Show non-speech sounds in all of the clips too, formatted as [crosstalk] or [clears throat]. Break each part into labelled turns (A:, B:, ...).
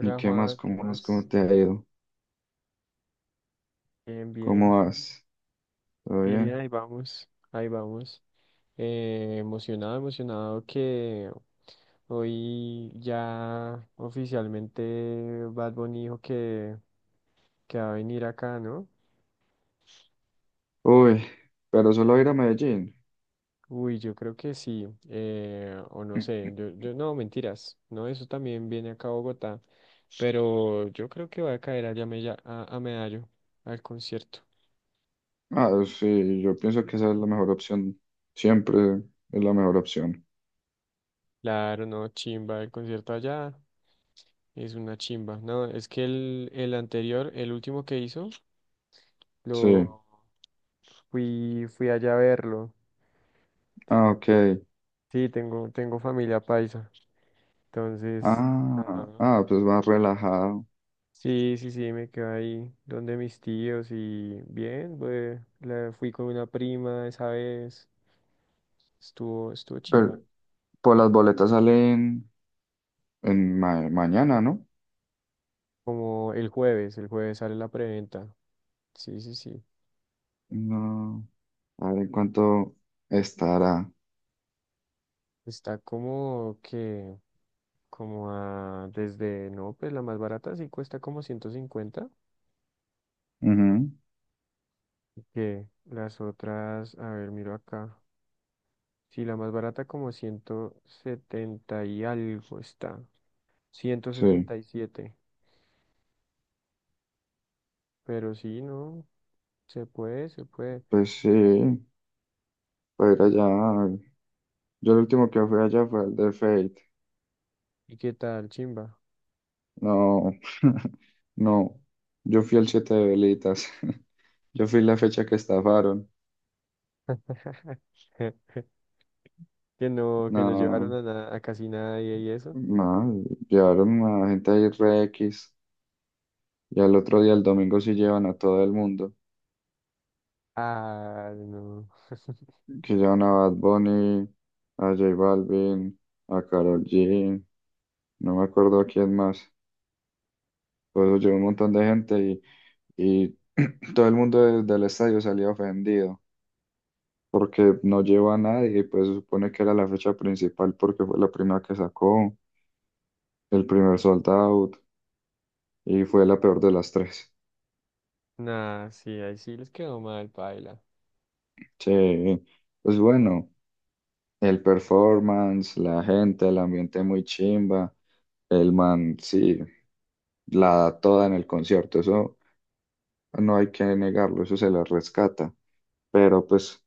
A: ¿Y qué más?
B: Juan, ¿qué
A: ¿Cómo vas? ¿Cómo
B: más?
A: te ha ido?
B: Bien, bien,
A: ¿Cómo vas? ¿Todo
B: bien,
A: bien?
B: ahí vamos, ahí vamos. Emocionado, emocionado que hoy ya oficialmente Bad Bunny dijo que va a venir acá, ¿no?
A: Uy, pero solo ir a Medellín.
B: Uy, yo creo que sí, o no sé, yo no, mentiras, no, eso también viene acá a Bogotá, pero yo creo que va a caer allá a, a Medallo, al concierto.
A: Ah, sí, yo pienso que esa es la mejor opción. Siempre es la mejor opción.
B: Claro, no, chimba, el concierto allá. Es una chimba. No, es que el anterior, el último que hizo,
A: Sí.
B: lo fui allá a verlo. Te-
A: Ah, ok.
B: Sí, tengo familia paisa. Entonces, ajá.
A: Ah, ah, pues más relajado.
B: Sí, sí, sí, me quedé ahí donde mis tíos y bien, pues, fui con una prima esa vez. Estuvo chimba.
A: Pero por las boletas salen en mañana, ¿no?
B: Como el jueves sale la preventa. Sí, sí, sí.
A: No. A ver en cuánto estará.
B: Está como que. Como a, desde, no, pues la más barata sí cuesta como 150,
A: Ujú,
B: que las otras, a ver, miro acá, sí, la más barata como 170 y algo está, ciento
A: sí.
B: setenta y siete pero sí, no, se puede, se puede.
A: Pues sí, para ir
B: Sí.
A: allá. Yo el último que fui allá fue el de Fate.
B: ¿Y qué tal, chimba?
A: No, [laughs] no. Yo fui el 7 de velitas. [laughs] Yo fui la fecha que estafaron.
B: [laughs] Que no, que nos llevaron
A: No,
B: a, a casi nadie y eso.
A: no. Llevaron a gente de re X. Y al otro día, el domingo, sí llevan a todo el mundo.
B: Ah, no.
A: Que llevan a Bad Bunny, a J Balvin, a Karol G. No me acuerdo a quién más. Por eso llevó un montón de gente y [clears throat] todo el mundo desde el estadio salía ofendido. Porque no llevó a nadie y pues se supone que era la fecha principal porque fue la primera que sacó, el primer sold out, y fue la peor de las tres.
B: Nah, sí, ahí sí les quedó mal, paila.
A: Che, pues bueno, el performance, la gente, el ambiente muy chimba, el man, sí, la da toda en el concierto, eso no hay que negarlo, eso se le rescata. Pero pues,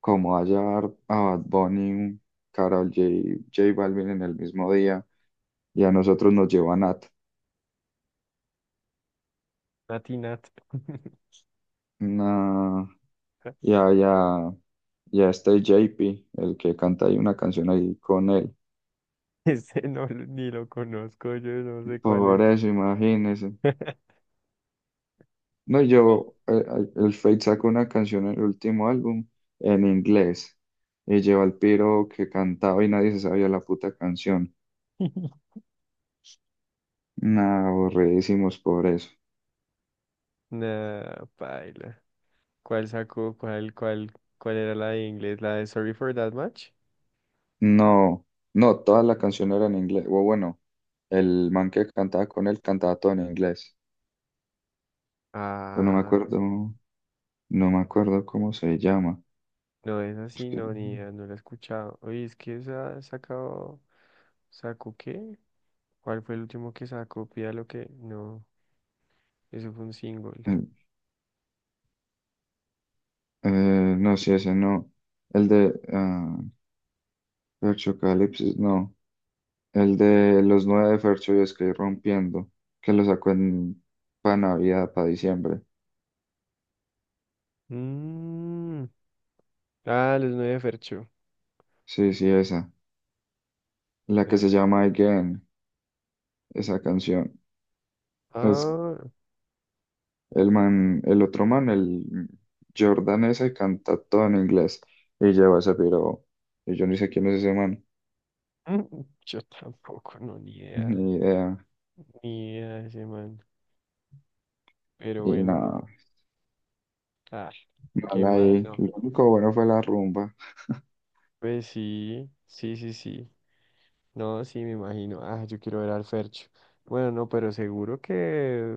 A: como va a llevar a Bad Bunny, Karol J, J Balvin en el mismo día, y a nosotros nos lleva Nat,
B: Natinat.
A: nah, y
B: [laughs]
A: a, y a- y a este JP, el que canta ahí una canción ahí con él.
B: [laughs] Ese no, ni lo conozco, yo no sé cuál
A: Por
B: es.
A: eso, imagínese.
B: [laughs]
A: No, yo, el Fate sacó una canción en el último álbum en inglés y lleva al piro que cantaba y nadie se sabía la puta canción.
B: [laughs]
A: Nah, aburridísimos por eso.
B: Nah, paila. ¿Cuál sacó? ¿Cuál era la de inglés? ¿La de Sorry for That Much?
A: No, no, toda la canción era en inglés. O bueno, el man que cantaba con él cantaba todo en inglés. Pero no me
B: Ah,
A: acuerdo, no me acuerdo cómo se llama.
B: no, es
A: Es
B: así,
A: que,
B: no, ni idea, no la he escuchado. Oye, es que esa ha sacado. ¿Sacó qué? ¿Cuál fue el último que sacó? Pida lo que. No, eso fue un single.
A: eh, eh, no, sí, ese no. El de ah, Perchocalypsis, no. El de los 9 de Fercho y Sky Rompiendo, que lo sacó en para Navidad, para diciembre.
B: Mm. Ah, los nueve Fercho.
A: Sí, sí, esa. La que se
B: Ah,
A: llama Again, esa canción. Es
B: ah,
A: el man, el otro man, el Jordan ese canta todo en inglés y lleva ese piro. Y yo ni sé quién es ese man,
B: [laughs] yo tampoco, no, ni
A: [laughs]
B: idea.
A: ni idea.
B: Mira ese man. Pero
A: Y
B: bueno, no.
A: nada,
B: Ah,
A: mal
B: qué mal,
A: ahí.
B: no.
A: Lo único bueno fue la rumba.
B: Pues sí, sí, sí, sí. No, sí, me imagino. Ah, yo quiero ver al Fercho. Bueno, no, pero seguro que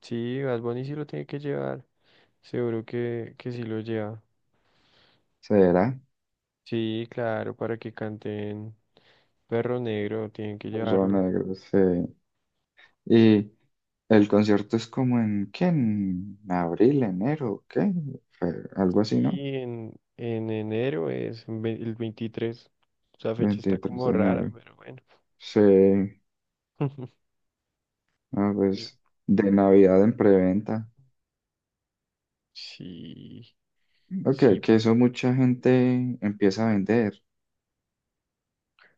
B: sí, Bad Bunny sí lo tiene que llevar. Seguro que sí lo lleva.
A: ¿Será?
B: Sí, claro, para que canten Perro Negro, tienen que
A: Los
B: llevarlo.
A: negros, sí. El concierto es como en, ¿qué? ¿En abril, enero, qué? Algo así, ¿no?
B: Y en enero es el 23. Esa fecha está
A: veintitrés
B: como
A: de
B: rara,
A: enero.
B: pero bueno.
A: Sí,
B: [laughs]
A: ah,
B: Yo-
A: pues de Navidad en preventa.
B: Sí.
A: Ok,
B: Sí,
A: que eso mucha gente empieza a vender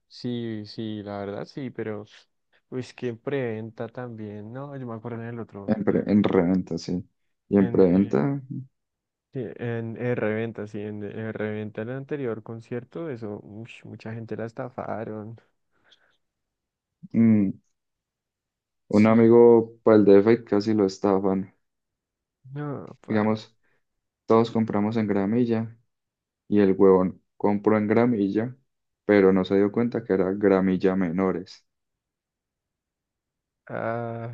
B: sí, sí, la verdad sí, pero pues que preventa también, no, yo me acuerdo en el otro,
A: en reventa, sí. Y en
B: en,
A: preventa,
B: sí, en, reventa, sí, en reventa el anterior concierto, eso, ush, mucha gente la estafaron,
A: mm, un
B: sí,
A: amigo para el DF casi lo estafan.
B: no, paila,
A: Digamos, todos compramos en gramilla y el huevón compró en gramilla, pero no se dio cuenta que era gramilla menores.
B: ah,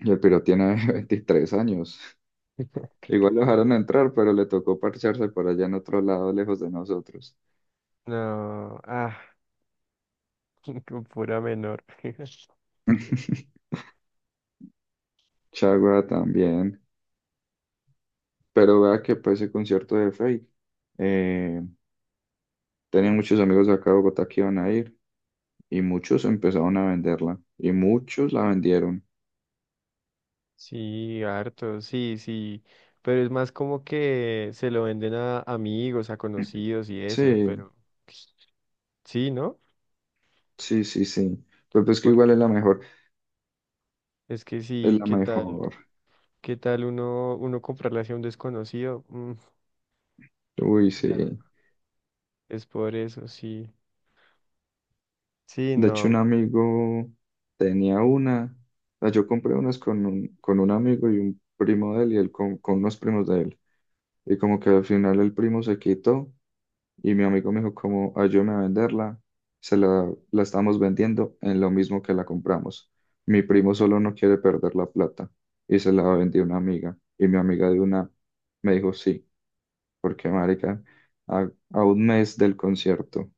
A: Y el piro tiene [laughs] 23 años.
B: [laughs]
A: Igual lo dejaron entrar, pero le tocó parcharse por allá en otro lado, lejos de nosotros.
B: no, ah, [laughs] con pura menor, [laughs]
A: [laughs] Chagua también. Pero vea que para ese concierto de Fate, eh, tenía muchos amigos de acá de Bogotá que iban a ir y muchos empezaron a venderla y muchos la vendieron.
B: sí, harto, sí, sí, pero es más como que se lo venden a amigos, a
A: [clears throat]
B: conocidos y eso,
A: Sí,
B: pero... Sí, ¿no?
A: sí, sí, sí. Pero pues que igual es
B: Porque
A: la mejor,
B: es que
A: es
B: sí,
A: la
B: ¿qué tal?
A: mejor.
B: ¿Qué tal uno comprarle hacia un desconocido? Mm,
A: Uy,
B: no,
A: sí.
B: es por eso, sí. Sí,
A: De hecho, un
B: no.
A: amigo tenía una. Ah, yo compré unas con un, amigo y un primo de él y él con unos primos de él. Y como que al final el primo se quitó y mi amigo me dijo como ayúdame a venderla. La estamos vendiendo en lo mismo que la compramos. Mi primo solo no quiere perder la plata y se la vendió una amiga. Y mi amiga de una me dijo sí, porque marica, a un mes del concierto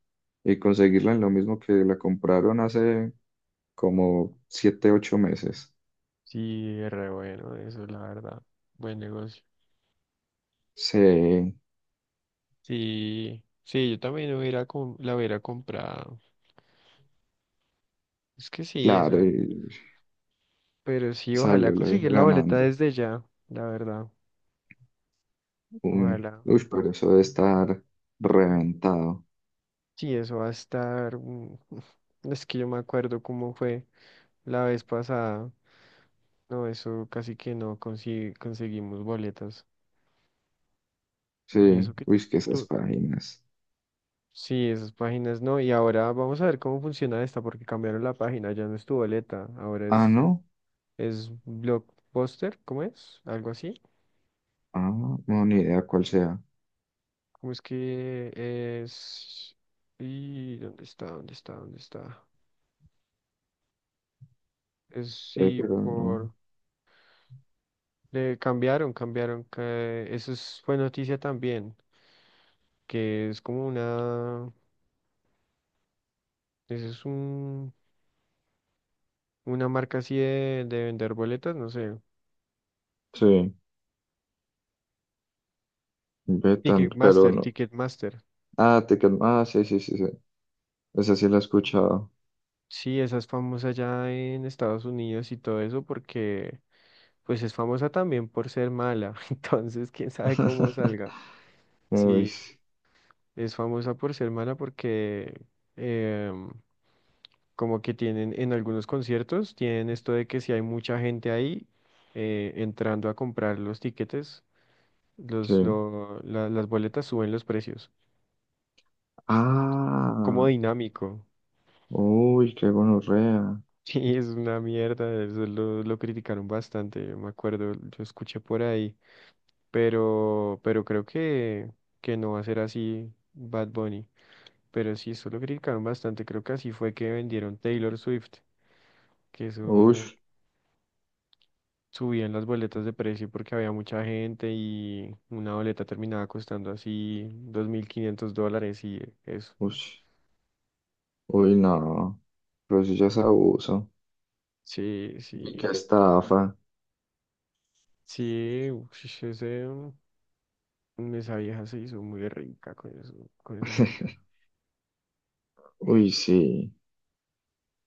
A: y conseguirla en lo mismo que la compraron hace como 7, 8 meses.
B: Sí, es re bueno, eso la verdad. Buen negocio.
A: Sí,
B: Sí, sí, yo también hubiera, la hubiera comprado. Es que sí,
A: claro,
B: eso.
A: y
B: Pero sí, ojalá
A: salió
B: conseguir la boleta
A: ganando.
B: desde ya, la verdad. Ojalá.
A: Uy, pero eso debe estar reventado.
B: Sí, eso va a estar. Mm. [laughs] Es que yo me acuerdo cómo fue la vez pasada. No, eso casi que no consigue, conseguimos boletas.
A: Sí,
B: Y eso que
A: uy, es que esas
B: tú,
A: páginas.
B: sí, esas páginas no. Y ahora vamos a ver cómo funciona esta, porque cambiaron la página, ya no es tu boleta, ahora
A: Ah,
B: es,
A: no.
B: es Blockbuster, ¿cómo es? Algo así.
A: Ah, no, ni idea cuál sea.
B: ¿Cómo es que es? ¿Y dónde está? ¿Dónde está? ¿Dónde está? Es sí,
A: Pero no.
B: por. Le cambiaron, cambiaron. Fue noticia también, que es como una. Eso es un Una marca así de vender boletas, no sé.
A: Sí, ve tan, pero
B: Ticketmaster,
A: no.
B: Ticketmaster.
A: Ah, sí, sí, sí, sí. Esa sí la he escuchado.
B: Sí, esa es famosa ya en Estados Unidos y todo eso porque pues es famosa también por ser mala. [laughs] Entonces, quién sabe cómo
A: [laughs]
B: salga.
A: Uy,
B: Sí,
A: sí.
B: es famosa por ser mala porque em, como que tienen en algunos conciertos, tienen esto de que si hay mucha gente ahí, entrando a comprar los tiquetes,
A: Sí.
B: las boletas suben los precios. Como
A: Ah,
B: dinámico.
A: uy, qué gonorrea.
B: Sí, es una mierda, eso lo criticaron bastante, yo me acuerdo, yo escuché por ahí, pero creo que no va a ser así Bad Bunny, pero sí, eso lo criticaron bastante, creo que así fue que vendieron Taylor Swift, que
A: Uy,
B: eso subían las boletas de precio porque había mucha gente y una boleta terminaba costando así $2.500 y eso.
A: uy. Uy, no, pero eso ya es abuso.
B: Sí,
A: Y qué
B: sí,
A: estafa.
B: sí, ush, esa vieja se hizo muy rica con eso, con esa gira.
A: [laughs] Uy, sí,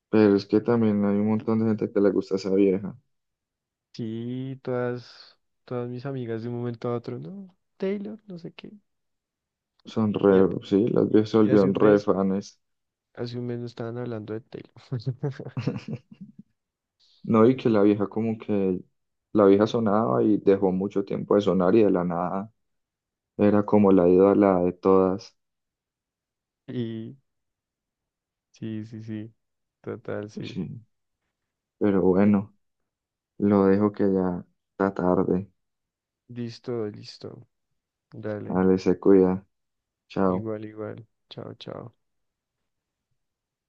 A: pero es que también hay un montón de gente que le gusta esa vieja.
B: Sí, todas, todas mis amigas de un momento a otro, no, Taylor, no sé qué.
A: Son
B: Y, a-
A: re, sí, las viejas se
B: y
A: volvieron re fanes.
B: hace un mes no estaban hablando de Taylor. [laughs]
A: [laughs] No, y que la vieja como que, la vieja sonaba y dejó mucho tiempo de sonar y de la nada era como la ídola de todas.
B: Y sí, sí, sí, total, sí.
A: Sí, pero bueno, lo dejo que ya está tarde.
B: Listo, listo. Dale,
A: Dale, se cuida. Chao.
B: igual, igual. Chao, chao.